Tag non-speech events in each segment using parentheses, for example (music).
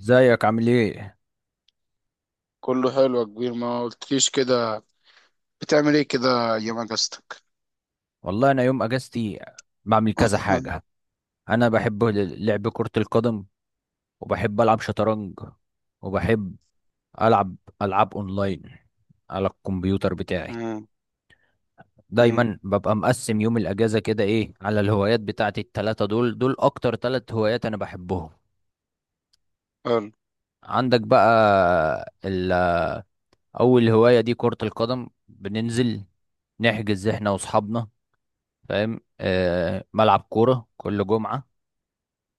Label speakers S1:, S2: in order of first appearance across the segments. S1: ازيك؟ عامل ايه؟
S2: كله حلو يا كبير، ما قلتليش كده. بتعمل ايه كده ايام اجازتك؟
S1: والله انا يوم اجازتي بعمل كذا حاجه.
S2: (laughs)
S1: انا بحب لعب كره القدم، وبحب العب شطرنج، وبحب العب العاب اونلاين على الكمبيوتر بتاعي.
S2: أمم، أمم،
S1: دايما ببقى مقسم يوم الاجازه كده ايه، على الهوايات بتاعتي التلاته. دول اكتر تلات هوايات انا بحبهم.
S2: حلو.
S1: عندك بقى اول هوايه دي كره القدم. بننزل نحجز احنا واصحابنا، فاهم؟ ملعب كوره كل جمعه،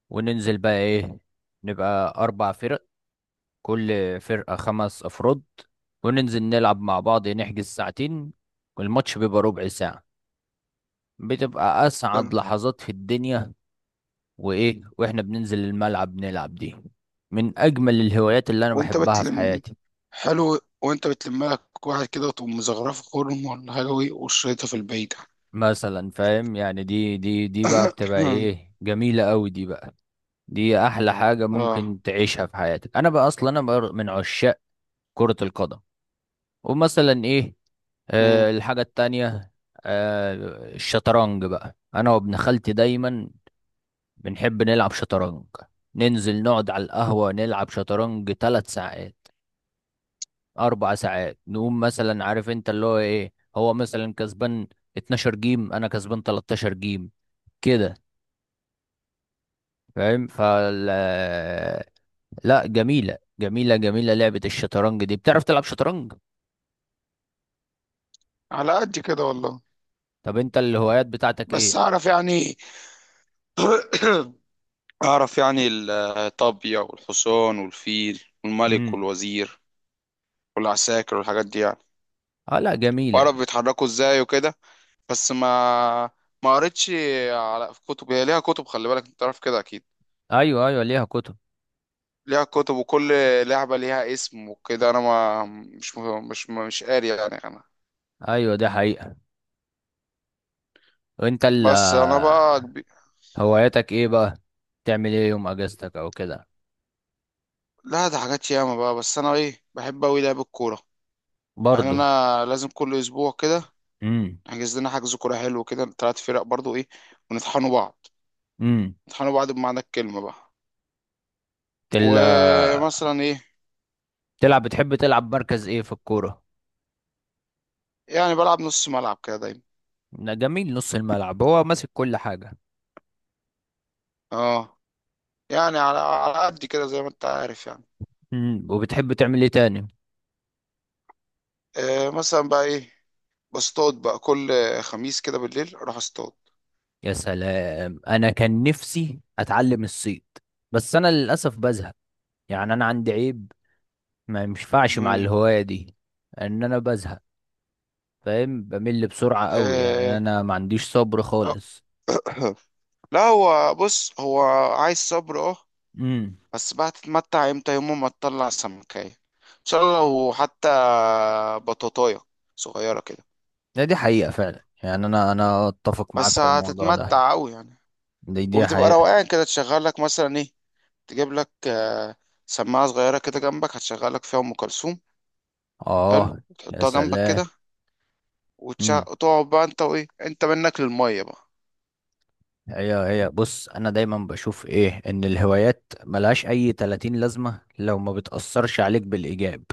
S1: وننزل بقى ايه، نبقى اربع فرق، كل فرقة خمس افراد، وننزل نلعب مع بعض، نحجز ساعتين، والماتش بيبقى ربع ساعة. بتبقى
S2: حلو
S1: اسعد لحظات في الدنيا. وايه، واحنا بننزل الملعب نلعب، دي من اجمل الهوايات اللي انا
S2: وانت
S1: بحبها في
S2: بتلم
S1: حياتي.
S2: حلو وانت بتلم لك واحد كده وتقوم مزغرفه خرم ولا حاجه، وشريطها في البعيده.
S1: مثلا فاهم يعني، دي بقى بتبقى
S2: (coughs)
S1: ايه، جميلة قوي دي بقى. دي احلى حاجة
S2: اه،
S1: ممكن تعيشها في حياتك. انا بقى اصلا انا بقى من عشاق كرة القدم. ومثلا ايه،
S2: أمم،
S1: الحاجة التانية، آه الشطرنج بقى. انا وابن خالتي دايما بنحب نلعب شطرنج. ننزل نقعد على القهوة نلعب شطرنج ثلاث ساعات، اربع ساعات. نقوم مثلا، عارف انت، اللي هو ايه، هو مثلا كسبان 12 جيم، انا كسبان 13 جيم كده. فاهم؟ لا، جميلة جميلة جميلة لعبة الشطرنج دي. بتعرف تلعب شطرنج؟
S2: على قد كده والله.
S1: طب انت الهوايات بتاعتك
S2: بس
S1: ايه؟
S2: اعرف يعني. (coughs) اعرف يعني الطابيه والحصان والفيل والملك
S1: امم.
S2: والوزير والعساكر والحاجات دي يعني.
S1: اه، لا جميلة.
S2: واعرف بيتحركوا ازاي وكده، بس ما قريتش. على في كتب، هي ليها كتب، خلي بالك انت عارف كده اكيد.
S1: ايوه ايوه، ليها كتب.
S2: ليها كتب، وكل لعبة ليها اسم وكده. انا ما مش قاري يعني انا.
S1: ايوه، ده حقيقة. وانت
S2: بس انا بقى كبي-
S1: هواياتك ايه بقى؟ تعمل ايه يوم اجازتك او كده؟
S2: لا ده حاجات ياما بقى، بس انا ايه بحب اوي لعب الكورة. يعني
S1: برضه.
S2: انا لازم كل اسبوع كده
S1: امم.
S2: احجز لنا حجز كورة حلو كده، تلات فرق برضو ايه. ونطحنوا بعض،
S1: امم.
S2: نطحنوا بعض بمعنى الكلمة بقى.
S1: تل
S2: ومثلا ايه،
S1: تلعب، بتحب تلعب مركز ايه في الكورة؟
S2: يعني بلعب نص ملعب كده دايما.
S1: ده جميل، نص الملعب هو ماسك كل حاجة.
S2: اه، يعني على قد كده زي ما انت عارف يعني.
S1: امم. وبتحب تعمل ايه تاني؟
S2: مثلا بقى ايه، بصطاد بقى كل خميس كده بالليل، اروح اصطاد.
S1: يا سلام، انا كان نفسي اتعلم الصيد. بس انا للاسف بزهق، يعني انا عندي عيب، ما ينفعش مع
S2: مم.
S1: الهواية دي. ان انا بزهق، فاهم، بمل بسرعة قوي. يعني
S2: آه.
S1: انا ما عنديش صبر خالص.
S2: (coughs) (clears throat) لا هو بص، هو عايز صبر. اه،
S1: امم.
S2: بس بقى تتمتع امتى يوم ما تطلع سمكاية ان شاء الله، وحتى بطاطاية صغيرة كده.
S1: ده دي حقيقة فعلا. يعني انا اتفق معاك
S2: بس
S1: في الموضوع ده.
S2: هتتمتع قوي يعني.
S1: دي
S2: وبتبقى
S1: حقيقة.
S2: روقان كده، تشغل لك مثلا ايه، تجيب لك سماعة صغيرة كده جنبك، هتشغل لك فيها ام كلثوم. حلو،
S1: اه، يا
S2: وتحطها جنبك
S1: سلام.
S2: كده.
S1: امم.
S2: وتقعد بقى انت، وايه انت منك للمية بقى.
S1: هي بص، انا دايما بشوف ايه، ان الهوايات ملهاش اي 30 لازمة لو ما بتأثرش عليك بالإيجاب.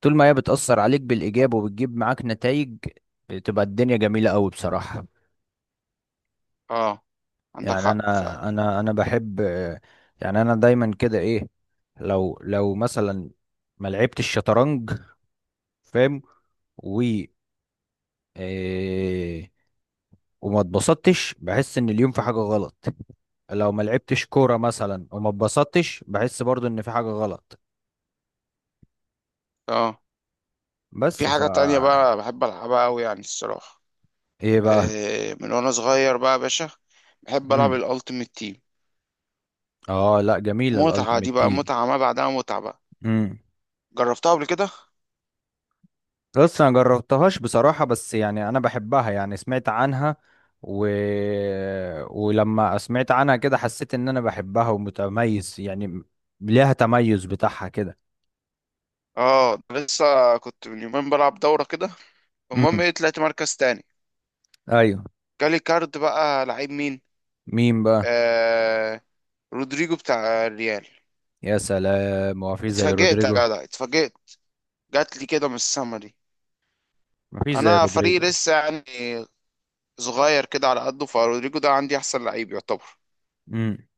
S1: طول ما هي بتأثر عليك بالإيجاب وبتجيب معاك نتائج، بتبقى الدنيا جميلة قوي بصراحة.
S2: اه، عندك
S1: يعني
S2: حق
S1: انا
S2: فعلا.
S1: انا انا بحب. يعني انا دايما كده ايه، لو مثلا ما لعبتش الشطرنج، فاهم، و إيه وما اتبسطتش، بحس ان اليوم في حاجة غلط. لو ما لعبتش كورة مثلا وما اتبسطتش، بحس برضو ان في حاجة غلط.
S2: اه،
S1: بس
S2: في حاجة تانية
S1: فا
S2: بقى بحب ألعبها أوي يعني الصراحة.
S1: ايه بقى؟
S2: من وأنا صغير بقى يا باشا، بحب ألعب
S1: امم.
S2: الألتيميت تيم.
S1: اه لا جميلة
S2: متعة دي
S1: الالتيميت
S2: بقى، متعة ما بعدها متعة بقى.
S1: تيم.
S2: جربتها قبل كده؟
S1: بص انا جربتهاش بصراحة، بس يعني انا بحبها، يعني سمعت عنها و... ولما سمعت عنها كده، حسيت ان انا بحبها ومتميز يعني. ليها تميز بتاعها كده.
S2: اه ده لسه، كنت من يومين بلعب دورة كده. المهم
S1: امم.
S2: ايه، طلعت مركز تاني.
S1: ايوه.
S2: جالي كارد بقى، لعيب مين؟
S1: مين بقى؟
S2: آه رودريجو بتاع الريال.
S1: يا سلام، هو في زي
S2: اتفاجئت يا
S1: رودريجو؟
S2: جدع، اتفاجئت. جات لي كده من السما دي.
S1: مفيش زي
S2: انا
S1: رودريجو.
S2: فريق لسه يعني، صغير كده على قده، فرودريجو ده عندي احسن لعيب يعتبر.
S1: امم.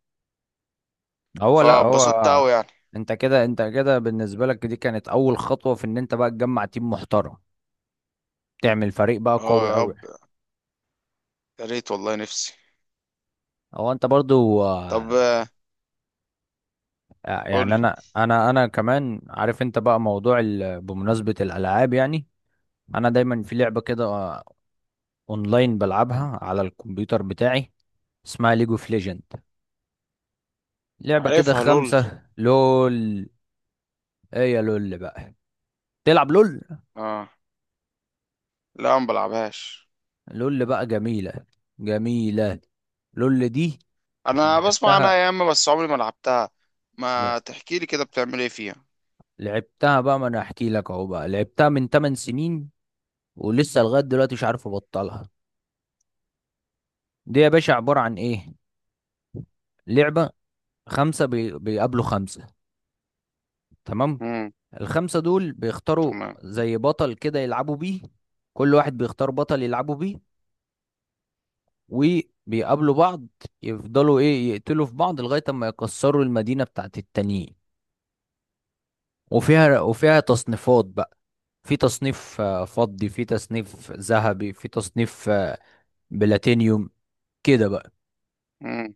S1: هو، لا، هو
S2: فبسطت قوي يعني.
S1: انت كده بالنسبة لك، دي كانت اول خطوة في ان انت بقى تجمع تيم محترم، تعمل فريق بقى
S2: اه
S1: قوي
S2: يا
S1: قوي.
S2: رب، يا ريت والله نفسي.
S1: هو انت برضو،
S2: طب
S1: آه،
S2: قول
S1: يعني
S2: لي.
S1: انا كمان عارف انت بقى، موضوع بمناسبة الالعاب يعني. انا دايما في لعبة كده، آه، اونلاين، بلعبها على الكمبيوتر بتاعي، اسمها ليج اوف ليجند. لعبة كده،
S2: عارفها لول،
S1: خمسة لول. ايه يا لول بقى، تلعب لول؟
S2: اه. لا ما بلعبهاش.
S1: لول بقى جميلة، جميلة لول دي.
S2: انا بسمع عنها
S1: لعبتها.
S2: يا اما، بس عمري ما لعبتها.
S1: ل-
S2: ما تحكي لي كده، بتعمل ايه فيها؟
S1: لعبتها بقى. ما انا احكي لك اهو. بقى لعبتها من 8 سنين، ولسه لغاية دلوقتي مش عارف ابطلها. دي يا باشا عبارة عن ايه، لعبة خمسة بيقابلوا خمسة. تمام؟
S2: امم.
S1: الخمسة دول بيختاروا
S2: تمام.
S1: زي بطل كده يلعبوا بيه. كل واحد بيختار بطل يلعبوا بيه، وبيقابلوا بعض، يفضلوا ايه يقتلوا في بعض لغاية ما يكسروا المدينة بتاعت التانيين. وفيها تصنيفات بقى. في تصنيف آه، فضي، في تصنيف ذهبي، في تصنيف آه، بلاتينيوم كده بقى.
S2: امم.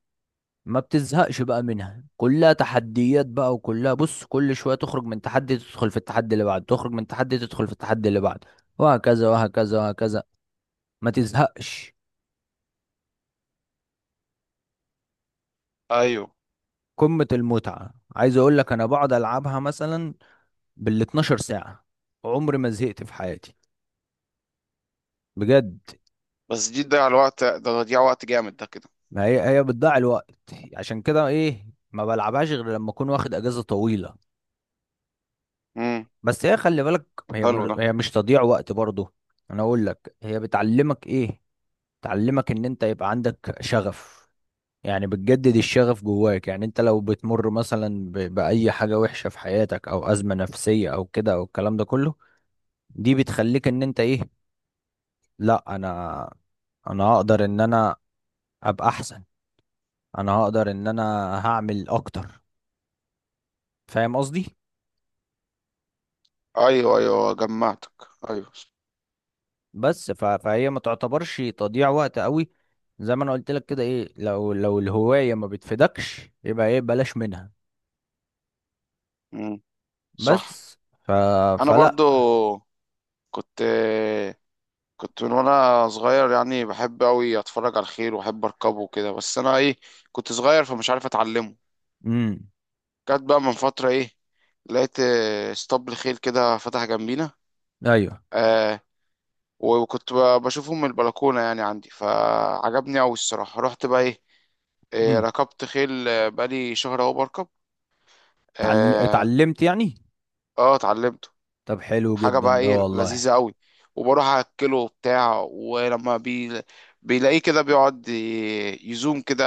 S1: ما بتزهقش بقى منها، كلها تحديات بقى. وكلها بص، كل شوية تخرج من تحدي تدخل في التحدي اللي بعده، تخرج من تحدي تدخل في التحدي اللي بعده، وهكذا وهكذا وهكذا. ما تزهقش.
S2: ايوه.
S1: قمة المتعة. عايز اقول لك، انا بقعد العبها مثلا بال 12 ساعة. عمري ما زهقت في حياتي بجد.
S2: بس دي تضيع الوقت، ده تضيع وقت جامد ده كده.
S1: ما هي، هي بتضيع الوقت. عشان كده ايه، ما بلعبهاش غير لما اكون واخد اجازة طويلة.
S2: امم.
S1: بس هي خلي بالك، هي
S2: حلو ده.
S1: هي مش تضييع وقت برضه. انا اقول لك هي بتعلمك ايه. تعلمك ان انت يبقى عندك شغف، يعني بتجدد الشغف جواك. يعني انت لو بتمر مثلا، بأي حاجة وحشة في حياتك، او أزمة نفسية، او كده، او الكلام ده كله، دي بتخليك ان انت ايه، لا انا، انا هقدر ان انا ابقى احسن، انا هقدر ان انا هعمل اكتر. فاهم قصدي؟
S2: ايوه ايوه، جمعتك. ايوه.
S1: فهي ما تعتبرش تضييع وقت قوي. زي ما انا قلت لك كده ايه، لو الهواية ما بتفيدكش، يبقى ايه، بلاش منها.
S2: امم. صح.
S1: بس ف...
S2: انا
S1: فلا.
S2: برضو كنت كنت من وانا صغير يعني بحب قوي اتفرج على الخيل واحب اركبه وكده، بس انا ايه، كنت صغير فمش عارف اتعلمه.
S1: مم.
S2: جت بقى من فتره ايه، لقيت اسطبل خيل كده فتح جنبينا.
S1: ايوه.
S2: آه وكنت بشوفه من البلكونه يعني عندي، فعجبني قوي الصراحه. رحت بقى ايه،
S1: امم.
S2: ركبت خيل. بقالي شهر اهو بركب. اه.
S1: اتعلمت يعني.
S2: اتعلمت.
S1: طب حلو
S2: حاجة
S1: جدا
S2: بقى
S1: ده
S2: ايه،
S1: والله.
S2: لذيذة قوي. وبروح اكله بتاع، ولما بيلاقيه كده بيقعد يزوم كده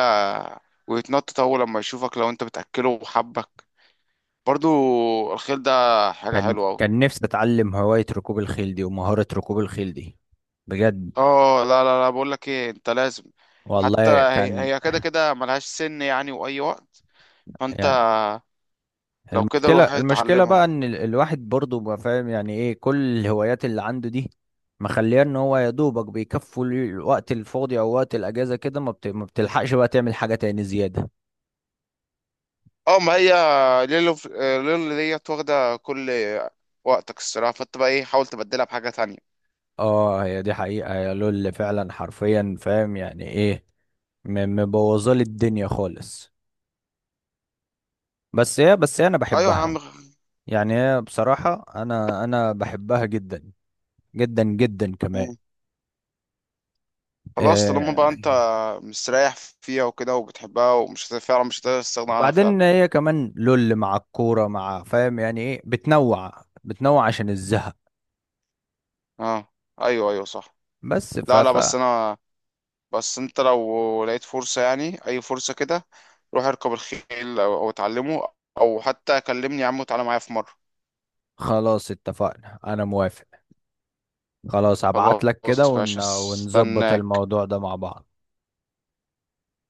S2: ويتنطط اول لما يشوفك، لو انت بتاكله وحبك. برضو الخيل ده، حاجة
S1: كان
S2: حلوة قوي.
S1: كان نفسي اتعلم هواية ركوب الخيل دي ومهارة ركوب الخيل دي بجد
S2: اه لا لا لا، بقول لك ايه انت لازم. حتى
S1: والله،
S2: هي
S1: كان
S2: هي كده كده ملهاش سن يعني، واي وقت فانت
S1: يعني.
S2: لو كده
S1: المشكلة
S2: روح
S1: المشكلة بقى
S2: اتعلمها.
S1: ان الواحد برضه بقى، فاهم يعني ايه، كل الهوايات اللي عنده دي، مخليه ان هو يا دوبك بيكفوا الوقت الفاضي او وقت الاجازة كده. ما بتلحقش بقى تعمل حاجة تاني زيادة.
S2: اه، ما هي ليلو ليلو ديت واخدة كل وقتك الصراحة، فانت بقى ايه حاول تبدلها بحاجة تانية.
S1: اه هي دي حقيقة يا لول فعلا حرفيا، فاهم يعني ايه، مبوظه لي الدنيا خالص. بس هي انا
S2: ايوه يا
S1: بحبها.
S2: عم.
S1: يعني هي بصراحه انا بحبها جدا جدا جدا كمان.
S2: مم. خلاص طالما بقى
S1: آه،
S2: انت مستريح فيها وكده وبتحبها، ومش فعلا مش هتقدر تستغنى عنها فعلا.
S1: وبعدين هي كمان لول مع الكوره مع، فاهم يعني ايه، بتنوع بتنوع عشان الزهق.
S2: اه ايوه ايوه صح.
S1: بس ف
S2: لا لا،
S1: ف
S2: بس انت لو لقيت فرصة يعني، اي فرصة كده، روح اركب الخيل او اتعلمه، او حتى كلمني يا عم وتعالى معايا في مرة.
S1: خلاص اتفقنا، انا موافق. خلاص، هبعت لك كده
S2: خلاص ماشي
S1: ونظبط
S2: هستناك
S1: الموضوع ده مع بعض.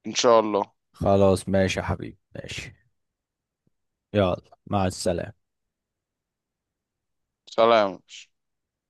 S2: ان شاء الله.
S1: خلاص ماشي يا حبيبي ماشي. يلا، مع السلامه.
S2: سلام.